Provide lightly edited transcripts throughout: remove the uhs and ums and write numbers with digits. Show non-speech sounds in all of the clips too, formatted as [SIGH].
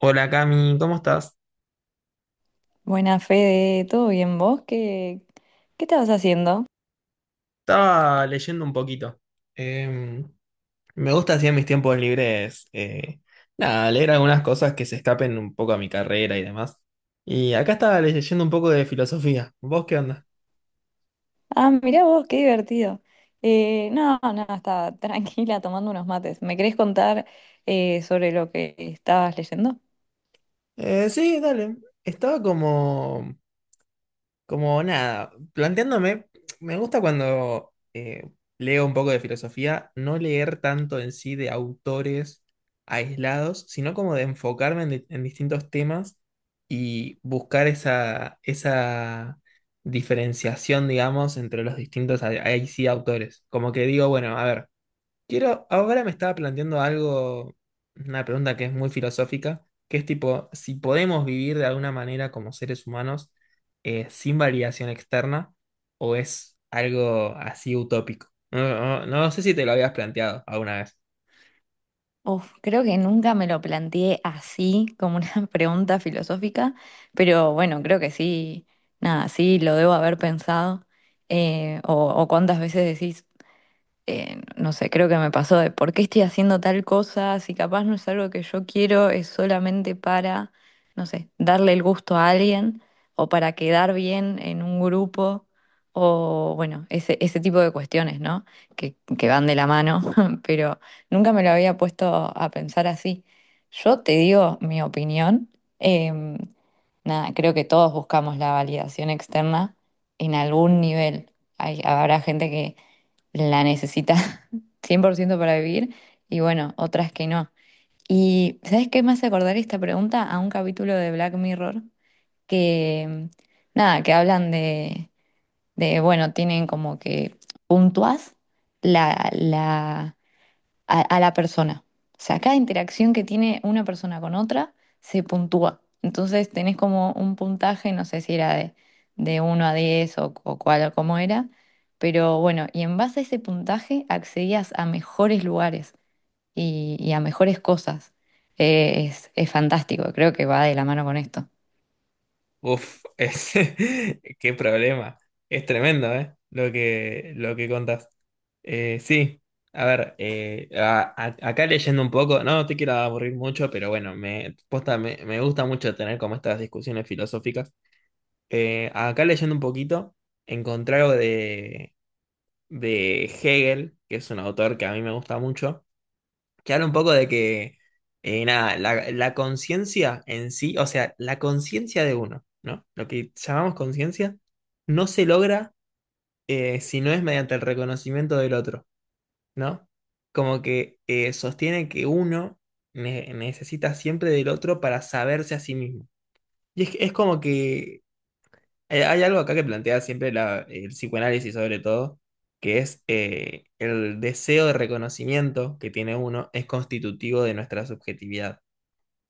Hola Cami, ¿cómo estás? Buena Fede, ¿todo bien vos? ¿¿Qué estabas haciendo? Estaba leyendo un poquito. Eh, Me gusta así en mis tiempos libres, nada, leer algunas cosas que se escapen un poco a mi carrera y demás. Y acá estaba leyendo un poco de filosofía. ¿Vos qué onda? Ah, mirá vos, qué divertido. No, estaba [LAUGHS] tranquila tomando unos mates. ¿Me querés contar sobre lo que estabas leyendo? Sí, dale. Estaba como... Como nada, planteándome, me gusta cuando leo un poco de filosofía, no leer tanto en sí de autores aislados, sino como de enfocarme en, en distintos temas y buscar esa, esa diferenciación, digamos, entre los distintos, ahí sí, autores. Como que digo, bueno, a ver. Quiero, ahora me estaba planteando algo, una pregunta que es muy filosófica, que es tipo, si podemos vivir de alguna manera como seres humanos sin validación externa, o es algo así utópico. No, no sé si te lo habías planteado alguna vez. Uf, creo que nunca me lo planteé así, como una [LAUGHS] pregunta filosófica, pero bueno, creo que sí, nada, sí lo debo haber pensado. O cuántas veces decís, no sé, creo que me pasó de por qué estoy haciendo tal cosa, si capaz no es algo que yo quiero, es solamente para, no sé, darle el gusto a alguien o para quedar bien en un grupo o bueno, ese tipo de cuestiones, ¿no? Que van de la mano, [LAUGHS] pero nunca me lo había puesto a pensar así. Yo te digo mi opinión. em, Nada, creo que todos buscamos la validación externa en algún nivel. Habrá gente que la necesita [LAUGHS] 100% para vivir y bueno, otras que no. Y ¿sabes qué me hace acordar esta pregunta? A un capítulo de Black Mirror que, nada, que hablan de bueno, tienen como que puntúas la, la a la persona. O sea, cada interacción que tiene una persona con otra se puntúa. Entonces tenés como un puntaje, no sé si era de uno a 10 o cuál o cómo era, pero bueno, y en base a ese puntaje accedías a mejores lugares y a mejores cosas. Es fantástico, creo que va de la mano con esto. Uf, [LAUGHS] qué problema. Es tremendo, ¿eh? Lo que contás. Sí, a ver, acá leyendo un poco, no te quiero aburrir mucho, pero bueno, me, posta, me gusta mucho tener como estas discusiones filosóficas. Acá leyendo un poquito, encontré algo de Hegel, que es un autor que a mí me gusta mucho, que habla un poco de que, nada, la conciencia en sí, o sea, la conciencia de uno, ¿no? Lo que llamamos conciencia, no se logra si no es mediante el reconocimiento del otro. ¿No? Como que sostiene que uno necesita siempre del otro para saberse a sí mismo. Y es como que hay algo acá que plantea siempre el psicoanálisis sobre todo, que es el deseo de reconocimiento que tiene uno es constitutivo de nuestra subjetividad.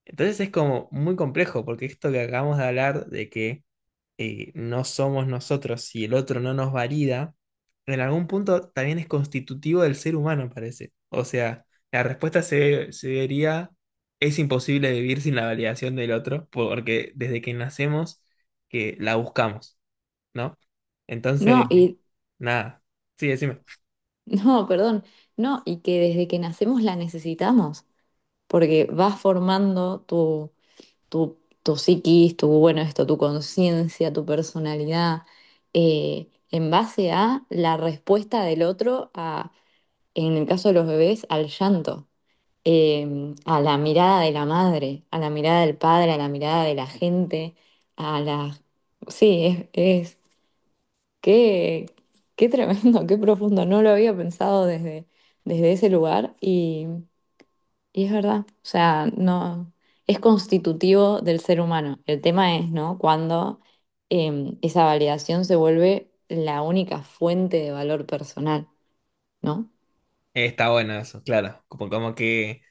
Entonces es como muy complejo, porque esto que acabamos de hablar de que no somos nosotros y el otro no nos valida, en algún punto también es constitutivo del ser humano, parece. O sea, la respuesta sería, es imposible vivir sin la validación del otro, porque desde que nacemos que la buscamos, ¿no? Entonces, No, y nada, sí, decime. [LAUGHS] no, perdón, no, y que desde que nacemos la necesitamos, porque vas formando tu tu psiquis, tu, bueno, esto, tu conciencia, tu personalidad, en base a la respuesta del otro a, en el caso de los bebés, al llanto, a la mirada de la madre, a la mirada del padre, a la mirada de la gente, a la... Sí, es... Qué, qué tremendo, [LAUGHS] qué profundo. No lo había pensado desde ese lugar y... Y es verdad, o sea, no es constitutivo del ser humano. El tema es, ¿no? Cuando esa validación se vuelve la única fuente de valor personal, ¿no? Está bueno eso, claro. Como,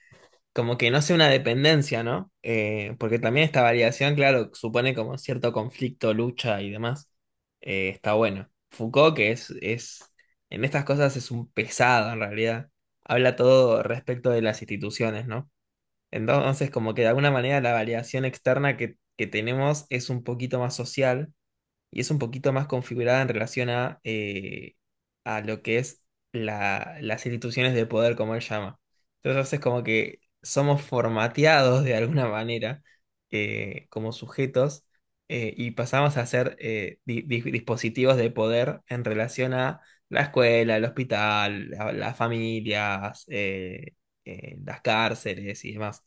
como que no sea una dependencia, ¿no? Porque también esta variación, claro, supone como cierto conflicto, lucha y demás. Está bueno. Foucault, que es, en estas cosas es un pesado en realidad. Habla todo respecto de las instituciones, ¿no? Entonces, como que de alguna manera la variación externa que tenemos es un poquito más social y es un poquito más configurada en relación a lo que es las instituciones de poder, como él llama. Entonces es como que somos formateados de alguna manera como sujetos y pasamos a ser dispositivos de poder en relación a la escuela, el hospital, las familias, las cárceles y demás.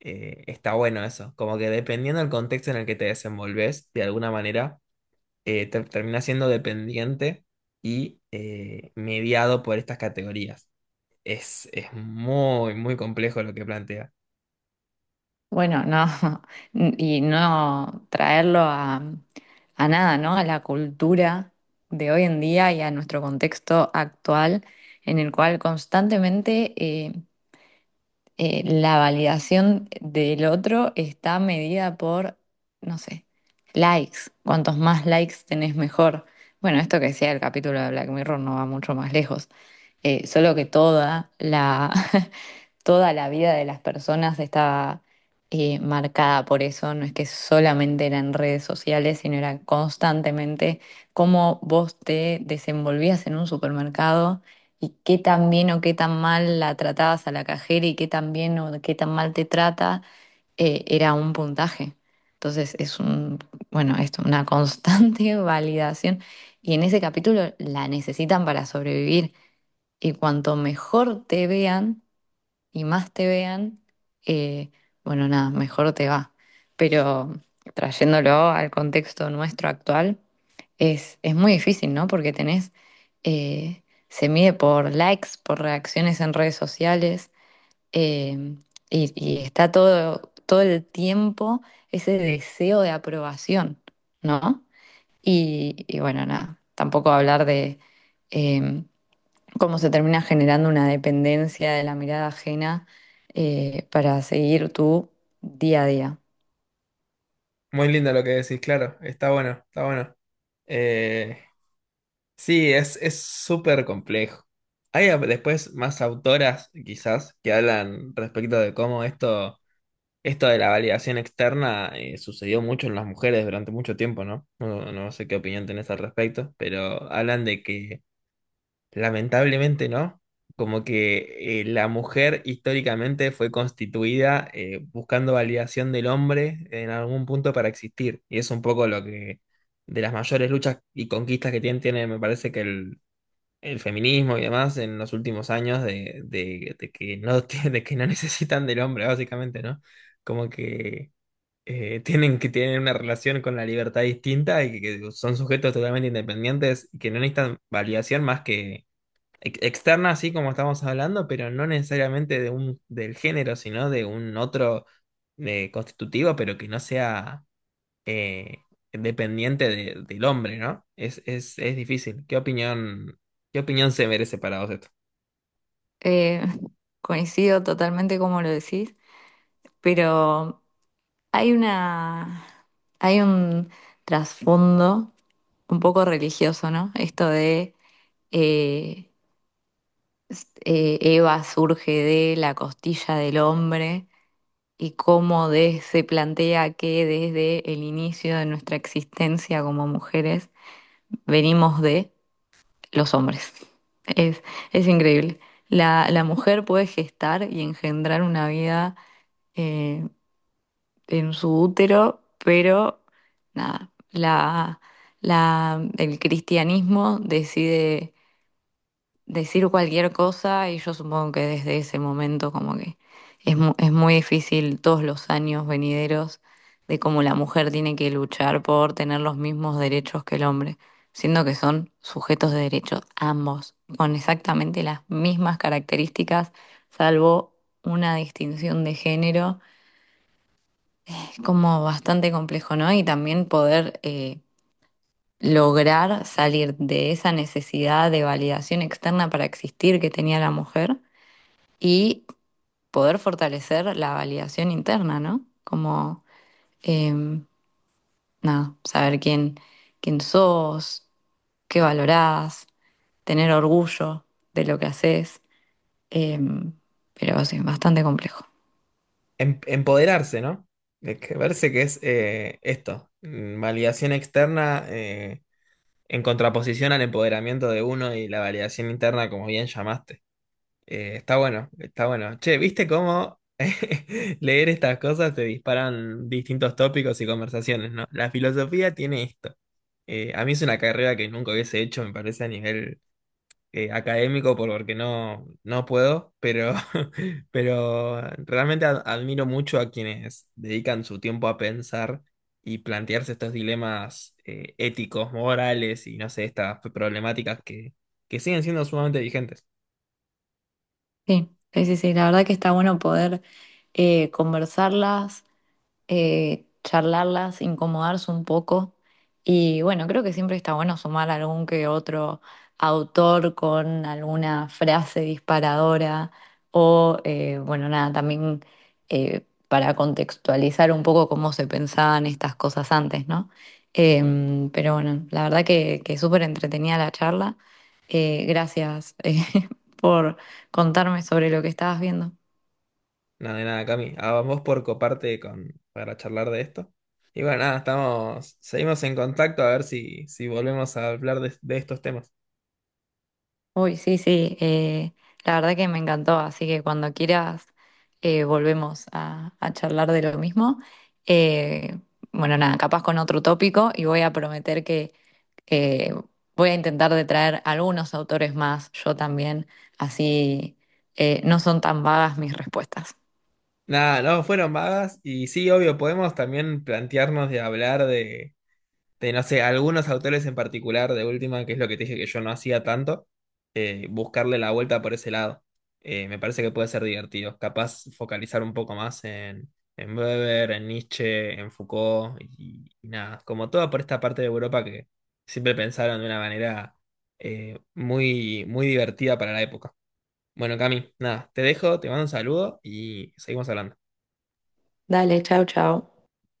Está bueno eso, como que dependiendo del contexto en el que te desenvolves, de alguna manera termina siendo dependiente y mediado por estas categorías. Es muy, muy complejo lo que plantea. Bueno, no, [LAUGHS] y no traerlo a nada, ¿no? A la cultura de hoy en día y a nuestro contexto actual, en el cual constantemente la validación del otro está medida por, no sé, likes. Cuantos más likes tenés, mejor. Bueno, esto que decía el capítulo de Black Mirror no va mucho más lejos. Solo que toda la, [LAUGHS] toda la vida de las personas está marcada por eso, no es que solamente era en redes sociales, sino era constantemente cómo vos te desenvolvías en un supermercado y qué tan bien o qué tan mal la tratabas a la cajera y qué tan bien o qué tan mal te trata, era un puntaje. Entonces es un, bueno, esto, una constante [LAUGHS] validación. Y en ese capítulo la necesitan para sobrevivir. Y cuanto mejor te vean, y más te vean, eh, bueno, nada, mejor te va. Pero trayéndolo al contexto nuestro actual, es muy difícil, ¿no? Porque tenés, eh, se mide por likes, por reacciones en redes sociales, eh, y está todo, todo el tiempo ese deseo de aprobación, ¿no? Y bueno, nada, tampoco hablar de... em, cómo se termina generando una dependencia de la mirada ajena para seguir tu día a día. Muy lindo lo que decís, claro, está bueno, está bueno. Eh, sí, es súper complejo. Hay después más autoras, quizás, que hablan respecto de cómo esto, esto de la validación externa sucedió mucho en las mujeres durante mucho tiempo, ¿no? No, no sé qué opinión tenés al respecto, pero hablan de que lamentablemente no. Como que la mujer históricamente fue constituida buscando validación del hombre en algún punto para existir. Y es un poco lo que de las mayores luchas y conquistas que tiene, tiene, me parece que el feminismo y demás en los últimos años de, de que no, [LAUGHS] de que no necesitan del hombre, básicamente, ¿no? Como que tienen que tienen una relación con la libertad distinta y que son sujetos totalmente independientes y que no necesitan validación más que externa, así como estamos hablando, pero no necesariamente de un, del género, sino de un otro constitutivo, pero que no sea eh, dependiente del hombre, ¿no? Es difícil. Qué opinión se merece para vos esto? Eh, coincido totalmente como lo decís, pero hay una, hay un trasfondo un poco religioso, ¿no? Esto de eh, Eva surge de la costilla del hombre. Y cómo de- se plantea que desde el inicio de nuestra existencia como mujeres venimos de. Los hombres. Es, es increíble. La mujer puede gestar y engendrar una vida eh, en su útero, pero nada, la, el cristianismo decide decir cualquier cosa y yo supongo que desde ese momento como que es, mu- es muy difícil todos los años venideros de cómo la mujer tiene que luchar por tener los mismos derechos que el hombre, siendo que son sujetos de derechos ambos, con exactamente las mismas características, salvo una distinción de género. Es como bastante complejo, ¿no? Y también poder... lograr salir de esa necesidad de validación externa para existir que tenía la mujer y poder fortalecer la validación interna, ¿no? Como, em, nada, saber quién sos, qué valorás, tener orgullo de lo que haces, em, pero sí, bastante complejo. Empoderarse, ¿no? De que verse que es validación externa en contraposición al empoderamiento de uno y la validación interna, como bien llamaste. Está bueno, está bueno. Che, ¿viste cómo [LAUGHS] leer estas cosas te disparan distintos tópicos y conversaciones, ¿no? La filosofía tiene esto. A mí es una carrera que nunca hubiese hecho, me parece, a nivel académico, porque no, no puedo, pero, [LAUGHS] pero realmente admiro mucho a quienes dedican su tiempo a pensar y plantearse estos dilemas éticos, morales y no sé, estas problemáticas que siguen siendo sumamente vigentes. Sí, sí, sí, sí, la verdad que está bueno poder conversarlas charlarlas, incomodarse un poco. Y bueno, creo que siempre está bueno sumar algún que otro autor con alguna frase disparadora o, bueno, nada, también para contextualizar un poco cómo se pensaban estas cosas antes, ¿no? Em, pero bueno, la verdad que súper entretenida la charla. Gracias [LAUGHS] por contarme sobre lo que estabas viendo. Nada de nada, Cami. A vos por coparte con, para charlar de esto. Y bueno, nada, estamos, seguimos en contacto a ver si, si volvemos a hablar de estos temas. Uy, sí, sí, la verdad que me encantó, así que cuando quieras volvemos a charlar de lo mismo. Eh, bueno, nada, capaz con otro tópico y voy a prometer que eh, voy a intentar de traer algunos autores más, yo también, así no son tan vagas mis respuestas. Nada, no fueron vagas y sí, obvio, podemos también plantearnos de hablar de, no sé, algunos autores en particular, de última, que es lo que te dije que yo no hacía tanto, buscarle la vuelta por ese lado. Me parece que puede ser divertido. Capaz focalizar un poco más en Weber, en Nietzsche, en Foucault y nada, como toda por esta parte de Europa que siempre pensaron de una manera muy, muy divertida para la época. Bueno, Cami, nada, te dejo, te mando un saludo y seguimos hablando. Dale, chao, chao.